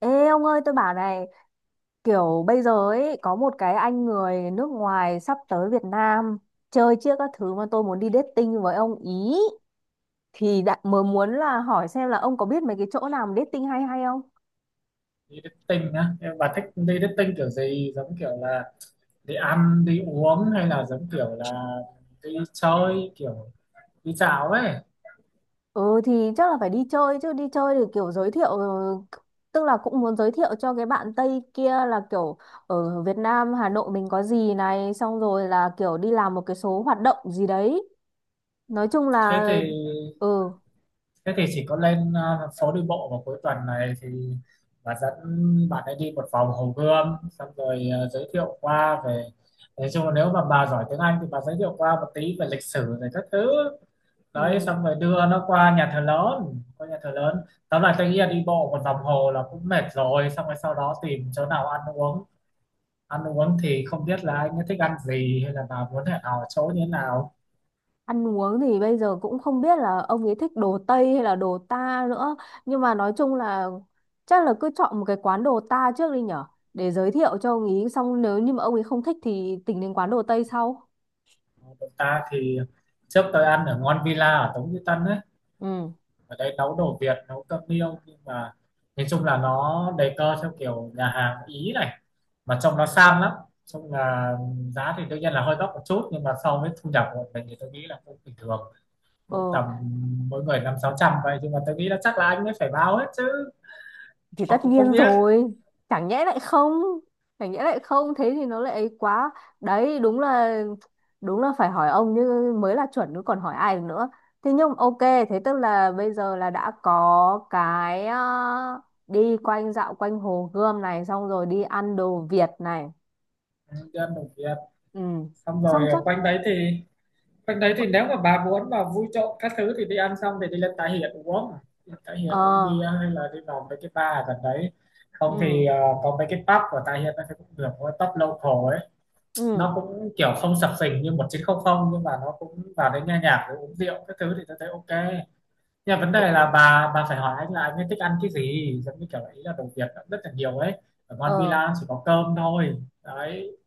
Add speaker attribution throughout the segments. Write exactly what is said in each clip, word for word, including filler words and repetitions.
Speaker 1: Ê ông ơi, tôi bảo này, kiểu bây giờ ấy có một cái anh người nước ngoài sắp tới Việt Nam chơi chiếc các thứ mà tôi muốn đi dating với ông ý, thì đã mới muốn là hỏi xem là ông có biết mấy cái chỗ nào mà dating hay hay không?
Speaker 2: Đi dating á? Em- bà thích đi dating kiểu gì, giống kiểu là đi ăn đi uống, hay là giống kiểu là đi chơi kiểu đi dạo ấy?
Speaker 1: Ừ thì chắc là phải đi chơi chứ. Đi chơi thì kiểu giới thiệu, ừ, tức là cũng muốn giới thiệu cho cái bạn Tây kia là kiểu ở Việt Nam Hà Nội mình có gì này, xong rồi là kiểu đi làm một cái số hoạt động gì đấy, nói chung là.
Speaker 2: thế thì
Speaker 1: Ừ,
Speaker 2: Thế thì chỉ có lên ờ, phố đi bộ vào cuối tuần này thì bà dẫn bạn ấy đi một vòng Hồ Gươm, xong rồi ờ, giới thiệu qua về, nói chung là nếu mà bà giỏi tiếng Anh thì bà giới thiệu qua một tí về lịch sử rồi các thứ. Đấy,
Speaker 1: ừ.
Speaker 2: xong rồi đưa nó qua nhà thờ lớn, qua nhà thờ lớn tóm lại tôi nghĩ là đi bộ một vòng hồ là cũng mệt rồi, xong rồi sau đó tìm chỗ nào ăn uống. Ăn uống thì không biết là anh ấy thích ăn gì, hay là bà muốn hẹn hò chỗ như thế nào.
Speaker 1: Ăn uống thì bây giờ cũng không biết là ông ấy thích đồ Tây hay là đồ ta nữa. Nhưng mà nói chung là chắc là cứ chọn một cái quán đồ ta trước đi nhở. Để giới thiệu cho ông ấy, xong nếu như mà ông ấy không thích thì tính đến quán đồ Tây sau.
Speaker 2: Bọn ta thì trước tôi ăn ở Ngon Villa ở Tống Duy Tân ấy,
Speaker 1: Ừ.
Speaker 2: ở đây nấu đồ Việt, nấu cơm niêu, nhưng mà nói chung là nó đề cơ theo kiểu nhà hàng Ý này, mà trông nó sang lắm, trông là giá thì đương nhiên là hơi đắt một chút, nhưng mà so với thu nhập của mình thì tôi nghĩ là cũng bình thường, cũng
Speaker 1: Ờ.
Speaker 2: tầm mỗi người năm sáu trăm vậy, nhưng mà tôi nghĩ là chắc là anh ấy phải báo hết chứ,
Speaker 1: Thì
Speaker 2: họ
Speaker 1: tất
Speaker 2: cũng không
Speaker 1: nhiên
Speaker 2: biết.
Speaker 1: rồi, chẳng nhẽ lại không chẳng nhẽ lại không, thế thì nó lại ấy quá. Đấy, đúng là đúng là phải hỏi ông như mới là chuẩn chứ, còn hỏi ai được nữa. Thế nhưng ok, thế tức là bây giờ là đã có cái, ờ, đi quanh dạo quanh Hồ Gươm này, xong rồi đi ăn đồ Việt này.
Speaker 2: Ừ, cho ăn đồng Việt,
Speaker 1: Ừ,
Speaker 2: xong
Speaker 1: xong
Speaker 2: rồi ờ,
Speaker 1: chắc.
Speaker 2: quanh đấy thì quanh đấy thì nếu mà bà muốn mà vui trộm các thứ thì đi ăn xong thì đi lên Tái hiện uống. Đi lên Tái Hiền uống
Speaker 1: Ờ.
Speaker 2: bia, hay là đi vào mấy cái bar ở gần đấy, không thì
Speaker 1: Ừ,
Speaker 2: ờ, có mấy cái pub của Tái hiện nó cũng được, cái pub local ấy,
Speaker 1: ừ.
Speaker 2: nó cũng kiểu không sập sình như một chín không không, nhưng mà nó cũng vào đấy nghe nhạc rồi uống rượu các thứ thì tôi thấy ok. Nhưng mà vấn đề là bà bà phải hỏi anh là anh ấy thích ăn cái gì, giống như kiểu ấy là đồ Việt cũng rất là nhiều ấy, ở Mon
Speaker 1: Ờ.
Speaker 2: Villa chỉ có cơm thôi. Đấy.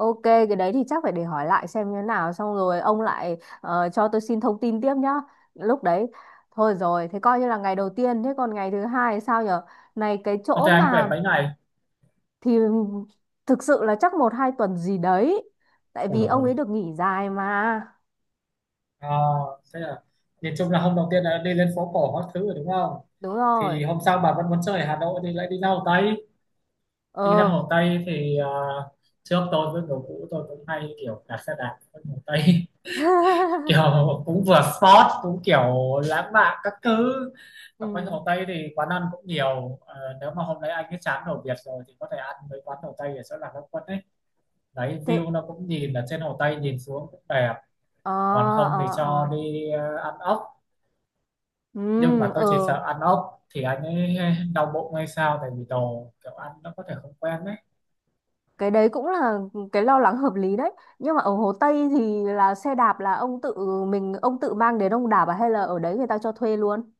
Speaker 1: Ok, cái đấy thì chắc phải để hỏi lại xem như thế nào, xong rồi ông lại ờ, cho tôi xin thông tin tiếp nhá. Lúc đấy thôi rồi, thế coi như là ngày đầu tiên, thế còn ngày thứ hai sao nhở? Này cái
Speaker 2: Ok,
Speaker 1: chỗ
Speaker 2: anh về
Speaker 1: mà,
Speaker 2: mấy ngày?
Speaker 1: thì thực sự là chắc một hai tuần gì đấy. Tại
Speaker 2: Ôi
Speaker 1: vì ông ấy
Speaker 2: rồi.
Speaker 1: được nghỉ dài mà.
Speaker 2: à, Thế là nhìn chung là hôm đầu tiên là đi lên phố cổ các thứ rồi đúng không,
Speaker 1: Đúng rồi.
Speaker 2: thì hôm sau bà vẫn muốn chơi ở Hà Nội thì lại đi ra Hồ Tây. Đi ra
Speaker 1: Ờ.
Speaker 2: Hồ Tây thì à, trước tôi với người cũ tôi cũng hay kiểu đạp xe đạp ở Hồ Tây, kiểu cũng vừa sport cũng kiểu lãng mạn các thứ. Ở quanh
Speaker 1: Ừ.
Speaker 2: Hồ Tây thì quán ăn cũng nhiều, ờ, nếu mà hôm đấy anh ấy chán đồ Việt rồi thì có thể ăn mấy quán Hồ Tây ở chỗ Lạc Long Quân ấy, đấy
Speaker 1: Thế
Speaker 2: view nó cũng nhìn ở trên Hồ Tây nhìn xuống cũng đẹp.
Speaker 1: ờ
Speaker 2: Còn không thì
Speaker 1: ờ
Speaker 2: cho
Speaker 1: ờ.
Speaker 2: đi ờ, ăn ốc, nhưng
Speaker 1: Ừ,
Speaker 2: mà tôi chỉ sợ
Speaker 1: ờ.
Speaker 2: ăn ốc thì anh ấy đau bụng hay sao, tại vì đồ kiểu ăn nó có thể không quen đấy.
Speaker 1: Cái đấy cũng là cái lo lắng hợp lý đấy, nhưng mà ở Hồ Tây thì là xe đạp là ông tự mình ông tự mang đến ông đạp à, hay là ở đấy người ta cho thuê luôn?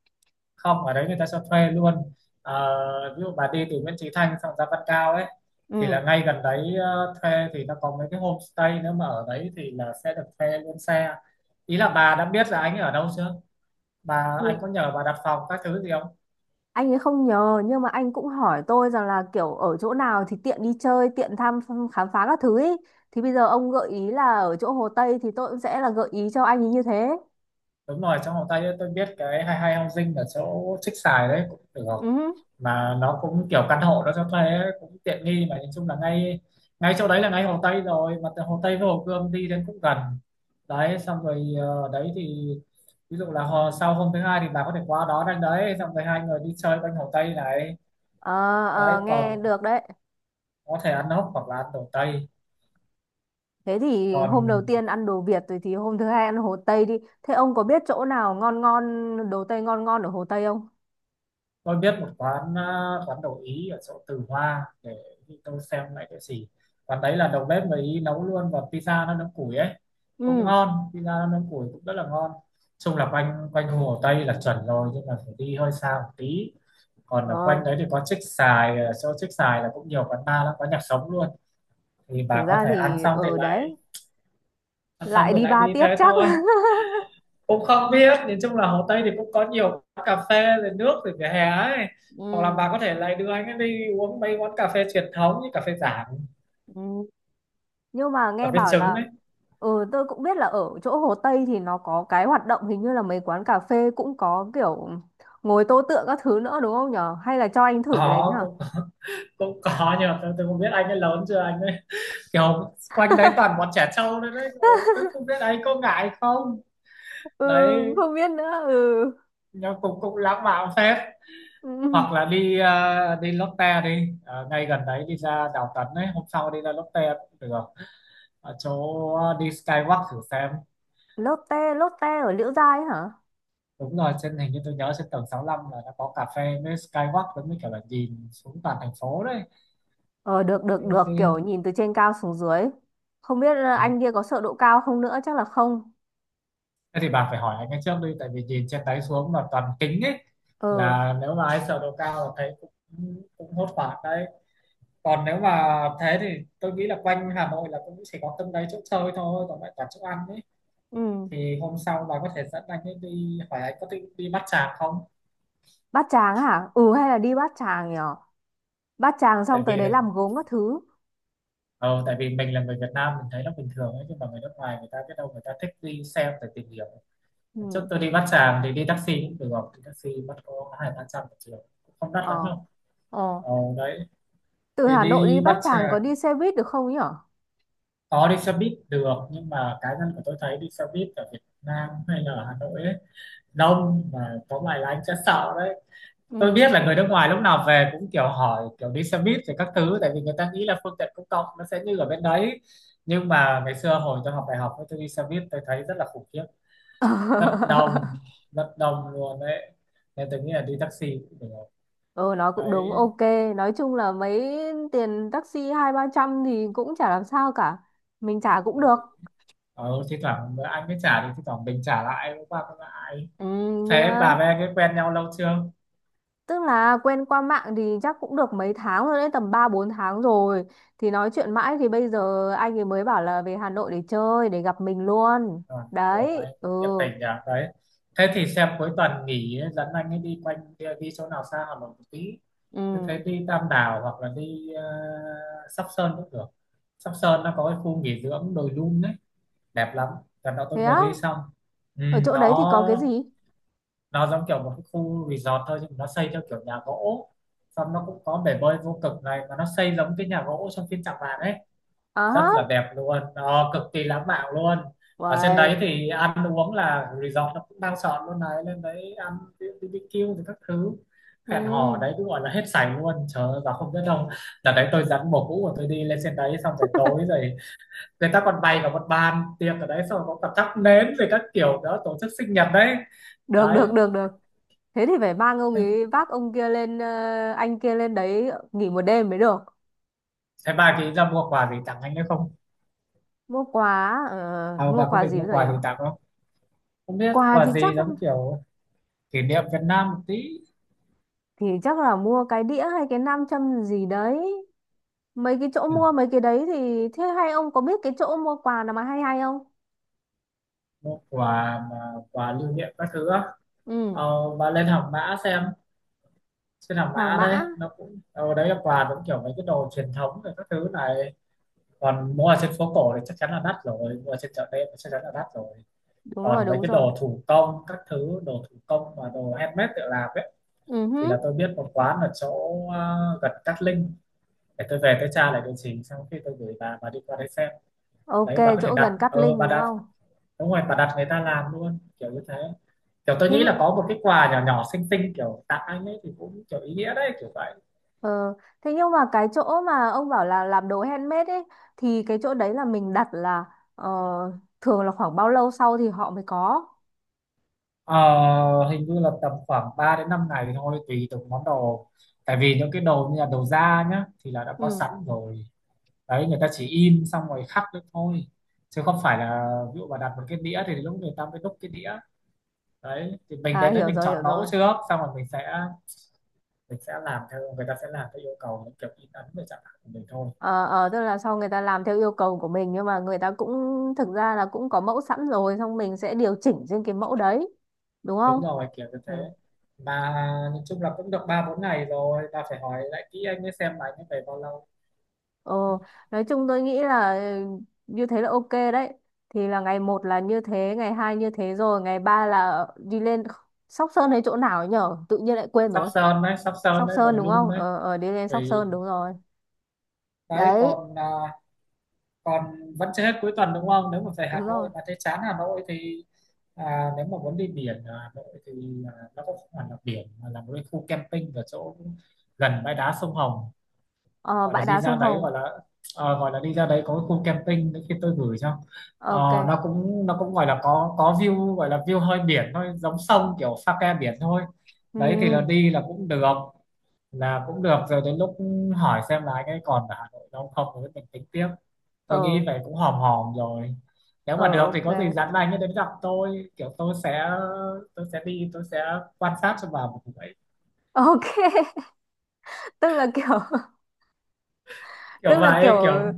Speaker 2: Không, ở đấy người ta cho thuê luôn. Ờ, ví dụ bà đi từ Nguyễn Chí Thanh sang Giá Văn Cao ấy thì là
Speaker 1: Ừ,
Speaker 2: ngay gần đấy, ờ, thuê thì nó có mấy cái homestay nữa, mà ở đấy thì là sẽ được thuê luôn xe. Ý là bà đã biết là anh ấy ở đâu chưa, bà anh
Speaker 1: thì
Speaker 2: có nhờ bà đặt phòng các thứ gì không?
Speaker 1: anh ấy không nhờ, nhưng mà anh cũng hỏi tôi rằng là kiểu ở chỗ nào thì tiện đi chơi, tiện thăm khám phá các thứ ý, thì bây giờ ông gợi ý là ở chỗ Hồ Tây thì tôi cũng sẽ là gợi ý cho anh ấy như thế.
Speaker 2: Đúng rồi, trong vòng tay ấy, tôi biết cái hai hai housing ở chỗ Trích Xài đấy cũng được,
Speaker 1: Ừ.
Speaker 2: mà nó cũng kiểu căn hộ nó cho thuê ấy, cũng tiện nghi, mà nhìn chung là ngay ngay chỗ đấy là ngay Hồ Tây rồi, mà từ Hồ Tây với Hồ Gươm đi đến cũng gần. Đấy, xong rồi ờ, đấy thì ví dụ là hồ, sau hôm thứ hai thì bà có thể qua đó đánh đấy, xong rồi hai người đi chơi quanh Hồ Tây này.
Speaker 1: Ờ,
Speaker 2: Đấy,
Speaker 1: ờ, nghe
Speaker 2: còn
Speaker 1: được đấy.
Speaker 2: có thể ăn ốc hoặc là ăn đồ Tây.
Speaker 1: Thế thì hôm đầu
Speaker 2: Còn
Speaker 1: tiên ăn đồ Việt rồi thì hôm thứ hai ăn Hồ Tây đi. Thế ông có biết chỗ nào ngon ngon, đồ Tây ngon ngon ở Hồ Tây không?
Speaker 2: tôi biết một quán, à, quán đồ Ý ở chỗ Từ Hoa, để tôi xem lại cái gì, quán đấy là đầu bếp người Ý nấu luôn, và pizza nó nướng củi ấy, cũng
Speaker 1: Ừ.
Speaker 2: ngon, pizza nó nướng củi cũng rất là ngon. Chung là quanh quanh Hồ Tây là chuẩn rồi, nhưng mà phải đi hơi xa một tí. Còn ở
Speaker 1: Ờ,
Speaker 2: quanh đấy thì có Trích Xài, ở chỗ Trích Xài là cũng nhiều quán bar lắm, có nhạc sống luôn, thì
Speaker 1: thực
Speaker 2: bà có
Speaker 1: ra
Speaker 2: thể ăn
Speaker 1: thì
Speaker 2: xong thì
Speaker 1: ở
Speaker 2: lại
Speaker 1: đấy
Speaker 2: ăn xong
Speaker 1: lại
Speaker 2: thì
Speaker 1: đi
Speaker 2: lại đi
Speaker 1: ba tiếp
Speaker 2: thế
Speaker 1: chắc.
Speaker 2: thôi. Cũng không biết, nhìn chung là Hồ Tây thì cũng có nhiều quán cà phê rồi nước rồi vỉa hè ấy, hoặc là
Speaker 1: Ừ,
Speaker 2: bà có thể lại đưa anh ấy đi uống mấy quán cà phê truyền thống như cà phê Giảng,
Speaker 1: ừ. Nhưng mà
Speaker 2: cà
Speaker 1: nghe
Speaker 2: phê
Speaker 1: bảo
Speaker 2: trứng
Speaker 1: là,
Speaker 2: ấy.
Speaker 1: ừ tôi cũng biết là ở chỗ Hồ Tây thì nó có cái hoạt động, hình như là mấy quán cà phê cũng có kiểu ngồi tô tượng các thứ nữa, đúng không nhở? Hay là cho anh thử cái đấy
Speaker 2: Có
Speaker 1: nhở?
Speaker 2: cũng, cũng có, nhưng mà tôi, tôi không biết anh ấy lớn chưa, anh ấy kiểu quanh đấy toàn bọn trẻ trâu đấy đấy, rồi tôi không biết anh có ngại không.
Speaker 1: Ừ,
Speaker 2: Đấy,
Speaker 1: không biết nữa. Ừ.
Speaker 2: nhưng cũng cũng lãng mạn phết.
Speaker 1: Ừ.
Speaker 2: Hoặc là đi ờ, đi Lotte đi. Ờ, ngay gần đấy đi ra Đào Tấn ấy, hôm sau đi ra Lotte cũng được, ở chỗ ờ, đi Skywalk thử xem.
Speaker 1: Lotte, Lotte ở Liễu Giai ấy hả?
Speaker 2: Đúng rồi, trên hình như tôi nhớ trên tầng sáu lăm là nó có cà phê với skywalk, giống như kiểu là nhìn xuống toàn thành phố đấy.
Speaker 1: Ờ, được, được,
Speaker 2: Thế,
Speaker 1: được,
Speaker 2: thế,
Speaker 1: kiểu nhìn từ trên cao xuống dưới. Không biết, ờ,
Speaker 2: Ừ,
Speaker 1: anh kia có sợ độ cao không nữa, chắc là không.
Speaker 2: thế thì bà phải hỏi anh ấy trước đi, tại vì nhìn trên đấy xuống mà toàn kính ấy,
Speaker 1: Ờ.
Speaker 2: là nếu mà ai sợ độ cao là thấy cũng cũng hốt hoảng đấy. Còn nếu mà thế thì tôi nghĩ là quanh Hà Nội là cũng chỉ có từng đấy chỗ chơi thôi, còn lại toàn chỗ ăn ấy.
Speaker 1: Ừ.
Speaker 2: Thì hôm sau bà có thể dẫn anh ấy đi, hỏi anh có thích đi Bát Tràng không,
Speaker 1: Bát Tràng hả? Ừ hay là đi Bát Tràng nhở? Bát Tràng
Speaker 2: tại
Speaker 1: xong tới
Speaker 2: vì
Speaker 1: đấy làm gốm các thứ.
Speaker 2: ờ, tại vì mình là người Việt Nam mình thấy nó bình thường ấy, nhưng mà người nước ngoài người ta biết đâu người ta thích đi xem để tìm hiểu. Trước
Speaker 1: Ừ.
Speaker 2: tôi đi Bát Tràng thì đi taxi cũng được, thì taxi bắt có hai ba trăm một triệu, cũng không đắt lắm
Speaker 1: Ờ,
Speaker 2: đâu.
Speaker 1: ờ.
Speaker 2: Ờ, đấy
Speaker 1: Từ
Speaker 2: thì
Speaker 1: Hà Nội đi
Speaker 2: Đi
Speaker 1: Bát
Speaker 2: Bát
Speaker 1: Tràng có
Speaker 2: Tràng
Speaker 1: đi xe buýt được không nhở?
Speaker 2: có đi xe buýt được, nhưng mà cá nhân của tôi thấy đi xe buýt ở Việt Nam hay là Hà Nội ấy, đông mà có vài là anh sẽ sợ đấy. Tôi
Speaker 1: Ừ.
Speaker 2: biết là người nước ngoài lúc nào về cũng kiểu hỏi kiểu đi xe buýt rồi các thứ, tại vì người ta nghĩ là phương tiện công cộng nó sẽ như ở bên đấy. Nhưng mà ngày xưa hồi tôi học đại học ấy, tôi đi xe buýt tôi thấy rất là khủng khiếp, rất đông, rất đông luôn đấy, nên tôi nghĩ là đi taxi cũng được.
Speaker 1: Ừ, nói cũng đúng,
Speaker 2: Đấy,
Speaker 1: ok. Nói chung là mấy tiền taxi hai ba trăm thì cũng chả làm sao cả, mình trả cũng được.
Speaker 2: ờ, thi thoảng anh mới trả thì thi thoảng mình trả lại hôm qua cũng lại.
Speaker 1: Ừ,
Speaker 2: Thế
Speaker 1: nhá.
Speaker 2: bà với anh ấy quen nhau lâu chưa?
Speaker 1: Tức là quen qua mạng thì chắc cũng được mấy tháng rồi đấy, tầm ba bốn tháng rồi. Thì nói chuyện mãi thì bây giờ anh ấy mới bảo là về Hà Nội để chơi, để gặp mình luôn.
Speaker 2: À, ủa,
Speaker 1: Đấy,
Speaker 2: anh
Speaker 1: ừ,
Speaker 2: cũng nhiệt tình nhỉ đấy. Thế thì xem cuối tuần nghỉ ấy, dẫn anh ấy đi quanh đi, đi chỗ nào xa hoặc là một tí, thế thấy
Speaker 1: ừ.
Speaker 2: đi Tam Đảo hoặc là đi ờ, Sóc Sơn cũng được. Sóc Sơn nó có cái khu nghỉ dưỡng đồi Dun đấy, đẹp lắm, lần đó tôi
Speaker 1: Thế
Speaker 2: vừa
Speaker 1: á,
Speaker 2: đi xong. Ừ,
Speaker 1: ở chỗ
Speaker 2: nó
Speaker 1: đấy thì có cái gì?
Speaker 2: nó giống kiểu một cái khu resort thôi, nhưng mà nó xây theo kiểu nhà gỗ, xong nó cũng có bể bơi vô cực này, mà nó xây giống cái nhà gỗ trong phim Tràng Vàng ấy,
Speaker 1: À
Speaker 2: rất
Speaker 1: hả,
Speaker 2: là đẹp luôn, nó cực kỳ lãng mạn luôn. Ở trên
Speaker 1: uầy,
Speaker 2: đấy thì ăn uống là resort nó cũng đang soạn luôn đấy, lên đấy ăn bi bi kiu thì các thứ, hẹn hò
Speaker 1: ừ.
Speaker 2: đấy cứ gọi là hết sảy luôn, trời ơi, và không biết đâu, là đấy tôi dẫn bồ cũ của tôi đi lên trên đấy, xong rồi tối rồi người ta còn bày cả một bàn tiệc ở đấy, xong rồi có cả thắp nến rồi các kiểu đó, tổ chức sinh nhật đấy.
Speaker 1: Được,
Speaker 2: Đấy,
Speaker 1: được, được, được. Thế thì phải mang ông ấy, vác ông kia lên, ờ, anh kia lên đấy nghỉ một đêm mới được.
Speaker 2: thế bà chị ra mua quà gì tặng anh ấy không,
Speaker 1: Mua quà, ờ,
Speaker 2: à,
Speaker 1: mua
Speaker 2: bà có
Speaker 1: quà
Speaker 2: định
Speaker 1: gì
Speaker 2: mua
Speaker 1: bây giờ
Speaker 2: quà
Speaker 1: nhở?
Speaker 2: gì tặng không? Không biết
Speaker 1: Quà thì
Speaker 2: quà gì,
Speaker 1: chắc,
Speaker 2: giống kiểu kỷ niệm Việt Nam một tí.
Speaker 1: thì chắc là mua cái đĩa hay cái nam châm gì đấy. Mấy cái chỗ mua mấy cái đấy thì, thế hay ông có biết cái chỗ mua quà nào mà hay hay không?
Speaker 2: Mua quà mà quà lưu niệm các thứ á?
Speaker 1: Ừ.
Speaker 2: Ờ, và lên Hàng Mã xem, trên Hàng
Speaker 1: Hàng
Speaker 2: Mã đấy
Speaker 1: Mã.
Speaker 2: nó cũng ờ, đấy là quà cũng kiểu mấy cái đồ truyền thống rồi các thứ này. Còn mua ở trên phố cổ thì chắc chắn là đắt rồi, mua ở trên chợ đêm thì chắc chắn là đắt rồi.
Speaker 1: Đúng rồi,
Speaker 2: Còn mấy
Speaker 1: đúng
Speaker 2: cái
Speaker 1: rồi.
Speaker 2: đồ thủ công các thứ, đồ thủ công và đồ handmade tự làm ấy,
Speaker 1: Ừ
Speaker 2: thì
Speaker 1: hứ.
Speaker 2: là tôi biết một quán ở chỗ ờ, gần Cát Linh, để tôi về tôi tra lại địa chỉ xong khi tôi gửi bà bà đi qua đấy xem.
Speaker 1: Ok,
Speaker 2: Đấy, bà có thể
Speaker 1: chỗ
Speaker 2: đặt
Speaker 1: gần Cát
Speaker 2: ờ
Speaker 1: Linh,
Speaker 2: bà
Speaker 1: đúng
Speaker 2: đã
Speaker 1: không?
Speaker 2: đúng rồi, và đặt người ta làm luôn kiểu như thế. Kiểu tôi
Speaker 1: thế
Speaker 2: nghĩ
Speaker 1: m-
Speaker 2: là có một cái quà nhỏ nhỏ xinh xinh kiểu tặng anh ấy thì cũng kiểu ý nghĩa đấy kiểu vậy.
Speaker 1: ờ, thế nhưng mà cái chỗ mà ông bảo là làm đồ handmade ấy, thì cái chỗ đấy là mình đặt là, ờ, thường là khoảng bao lâu sau thì họ mới có?
Speaker 2: Ờ, hình như là tầm khoảng ba đến năm ngày thì thôi, tùy từng món đồ, tại vì những cái đồ như là đồ da nhá thì là đã có
Speaker 1: Ừ.
Speaker 2: sẵn rồi đấy, người ta chỉ in xong rồi khắc đấy thôi, chứ không phải là ví dụ mà đặt một cái đĩa thì lúc người ta mới đúc cái đĩa. Đấy thì mình
Speaker 1: À,
Speaker 2: đến đấy
Speaker 1: hiểu
Speaker 2: mình
Speaker 1: rồi, hiểu
Speaker 2: chọn mẫu
Speaker 1: rồi.
Speaker 2: trước, xong rồi mình sẽ mình sẽ làm theo, người ta sẽ làm theo yêu cầu những kiểu in ấn về chẳng hạn của mình thôi.
Speaker 1: Ờ, ờ, tức là sau người ta làm theo yêu cầu của mình, nhưng mà người ta cũng thực ra là cũng có mẫu sẵn rồi, xong mình sẽ điều chỉnh trên cái mẫu đấy, đúng
Speaker 2: Đúng
Speaker 1: không?
Speaker 2: rồi, kiểu như thế.
Speaker 1: Ừ.
Speaker 2: Mà nhìn chung là cũng được ba bốn ngày rồi, ta phải hỏi lại kỹ anh ấy xem là anh ấy về bao lâu.
Speaker 1: Ờ, nói chung tôi nghĩ là, ừ, như thế là ok đấy. Thì là ngày một là như thế, ngày hai như thế, rồi ngày ba là đi lên Sóc Sơn hay chỗ nào ấy nhở, tự nhiên lại quên
Speaker 2: Sắp
Speaker 1: rồi.
Speaker 2: sơn đấy, sắp sơn
Speaker 1: Sóc
Speaker 2: đấy, đồi
Speaker 1: Sơn, đúng
Speaker 2: lum
Speaker 1: không?
Speaker 2: đấy.
Speaker 1: Ờ, ờ, đi lên Sóc
Speaker 2: Tùy.
Speaker 1: Sơn, đúng rồi.
Speaker 2: Đấy
Speaker 1: Đấy.
Speaker 2: còn à, còn vẫn chưa hết cuối tuần đúng không, nếu mà về Hà
Speaker 1: Đúng
Speaker 2: Nội
Speaker 1: rồi.
Speaker 2: mà thấy chán Hà Nội thì à, nếu mà muốn đi biển ở Hà Nội thì à, nó cũng không hẳn là biển, mà là một cái khu camping ở chỗ gần bãi đá sông Hồng,
Speaker 1: Ờ,
Speaker 2: gọi là
Speaker 1: bãi
Speaker 2: đi
Speaker 1: đá
Speaker 2: ra
Speaker 1: sông
Speaker 2: đấy gọi
Speaker 1: Hồng.
Speaker 2: là ờ, gọi là đi ra đấy có cái khu camping nữa, khi tôi gửi cho.
Speaker 1: Ờ,
Speaker 2: Ờ,
Speaker 1: ok.
Speaker 2: nó cũng nó cũng gọi là có có view, gọi là view hơi biển thôi, giống sông kiểu pha ke biển thôi.
Speaker 1: Ừ,
Speaker 2: Đấy thì là
Speaker 1: ừ.
Speaker 2: đi là cũng được, là cũng được rồi đến lúc hỏi xem là anh ấy còn ở Hà Nội đâu không rồi mình tính tiếp. Tôi nghĩ
Speaker 1: Ờ,
Speaker 2: vậy cũng hòm hòm rồi, nếu
Speaker 1: ờ,
Speaker 2: mà được thì
Speaker 1: ok.
Speaker 2: có gì dặn anh ấy đến gặp tôi kiểu tôi sẽ tôi sẽ đi tôi sẽ quan sát cho bà một buổi,
Speaker 1: Ok, tức là kiểu.
Speaker 2: kiểu
Speaker 1: Tức là kiểu
Speaker 2: vậy kiểu.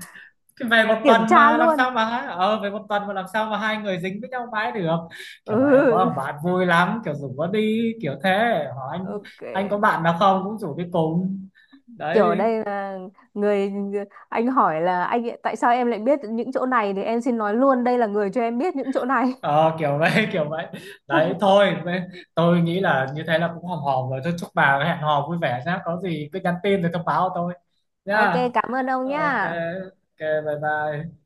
Speaker 2: Thì về một
Speaker 1: kiểm
Speaker 2: tuần
Speaker 1: tra
Speaker 2: mà làm
Speaker 1: luôn.
Speaker 2: sao mà hai ờ về một tuần mà làm sao mà hai người dính với nhau mãi được. Kiểu bảo em có
Speaker 1: Ừ.
Speaker 2: thằng bạn vui lắm kiểu rủ nó đi kiểu thế, hỏi anh
Speaker 1: Ok,
Speaker 2: anh có bạn nào không, cũng rủ đi cùng.
Speaker 1: kiểu ở
Speaker 2: Đấy,
Speaker 1: đây là người anh hỏi là, anh ấy- tại sao em lại biết những chỗ này, thì em xin nói luôn đây là người cho em biết những chỗ này.
Speaker 2: ờ kiểu vậy kiểu vậy. Đấy thôi vậy- tôi nghĩ là như thế là cũng hòm hòm rồi, thôi chúc bà hẹn hò vui vẻ nhá, có gì cứ nhắn tin rồi thông báo cho tôi
Speaker 1: Ok,
Speaker 2: nhá.
Speaker 1: cảm ơn ông
Speaker 2: Ok.
Speaker 1: nhá.
Speaker 2: Ok. Bye bye.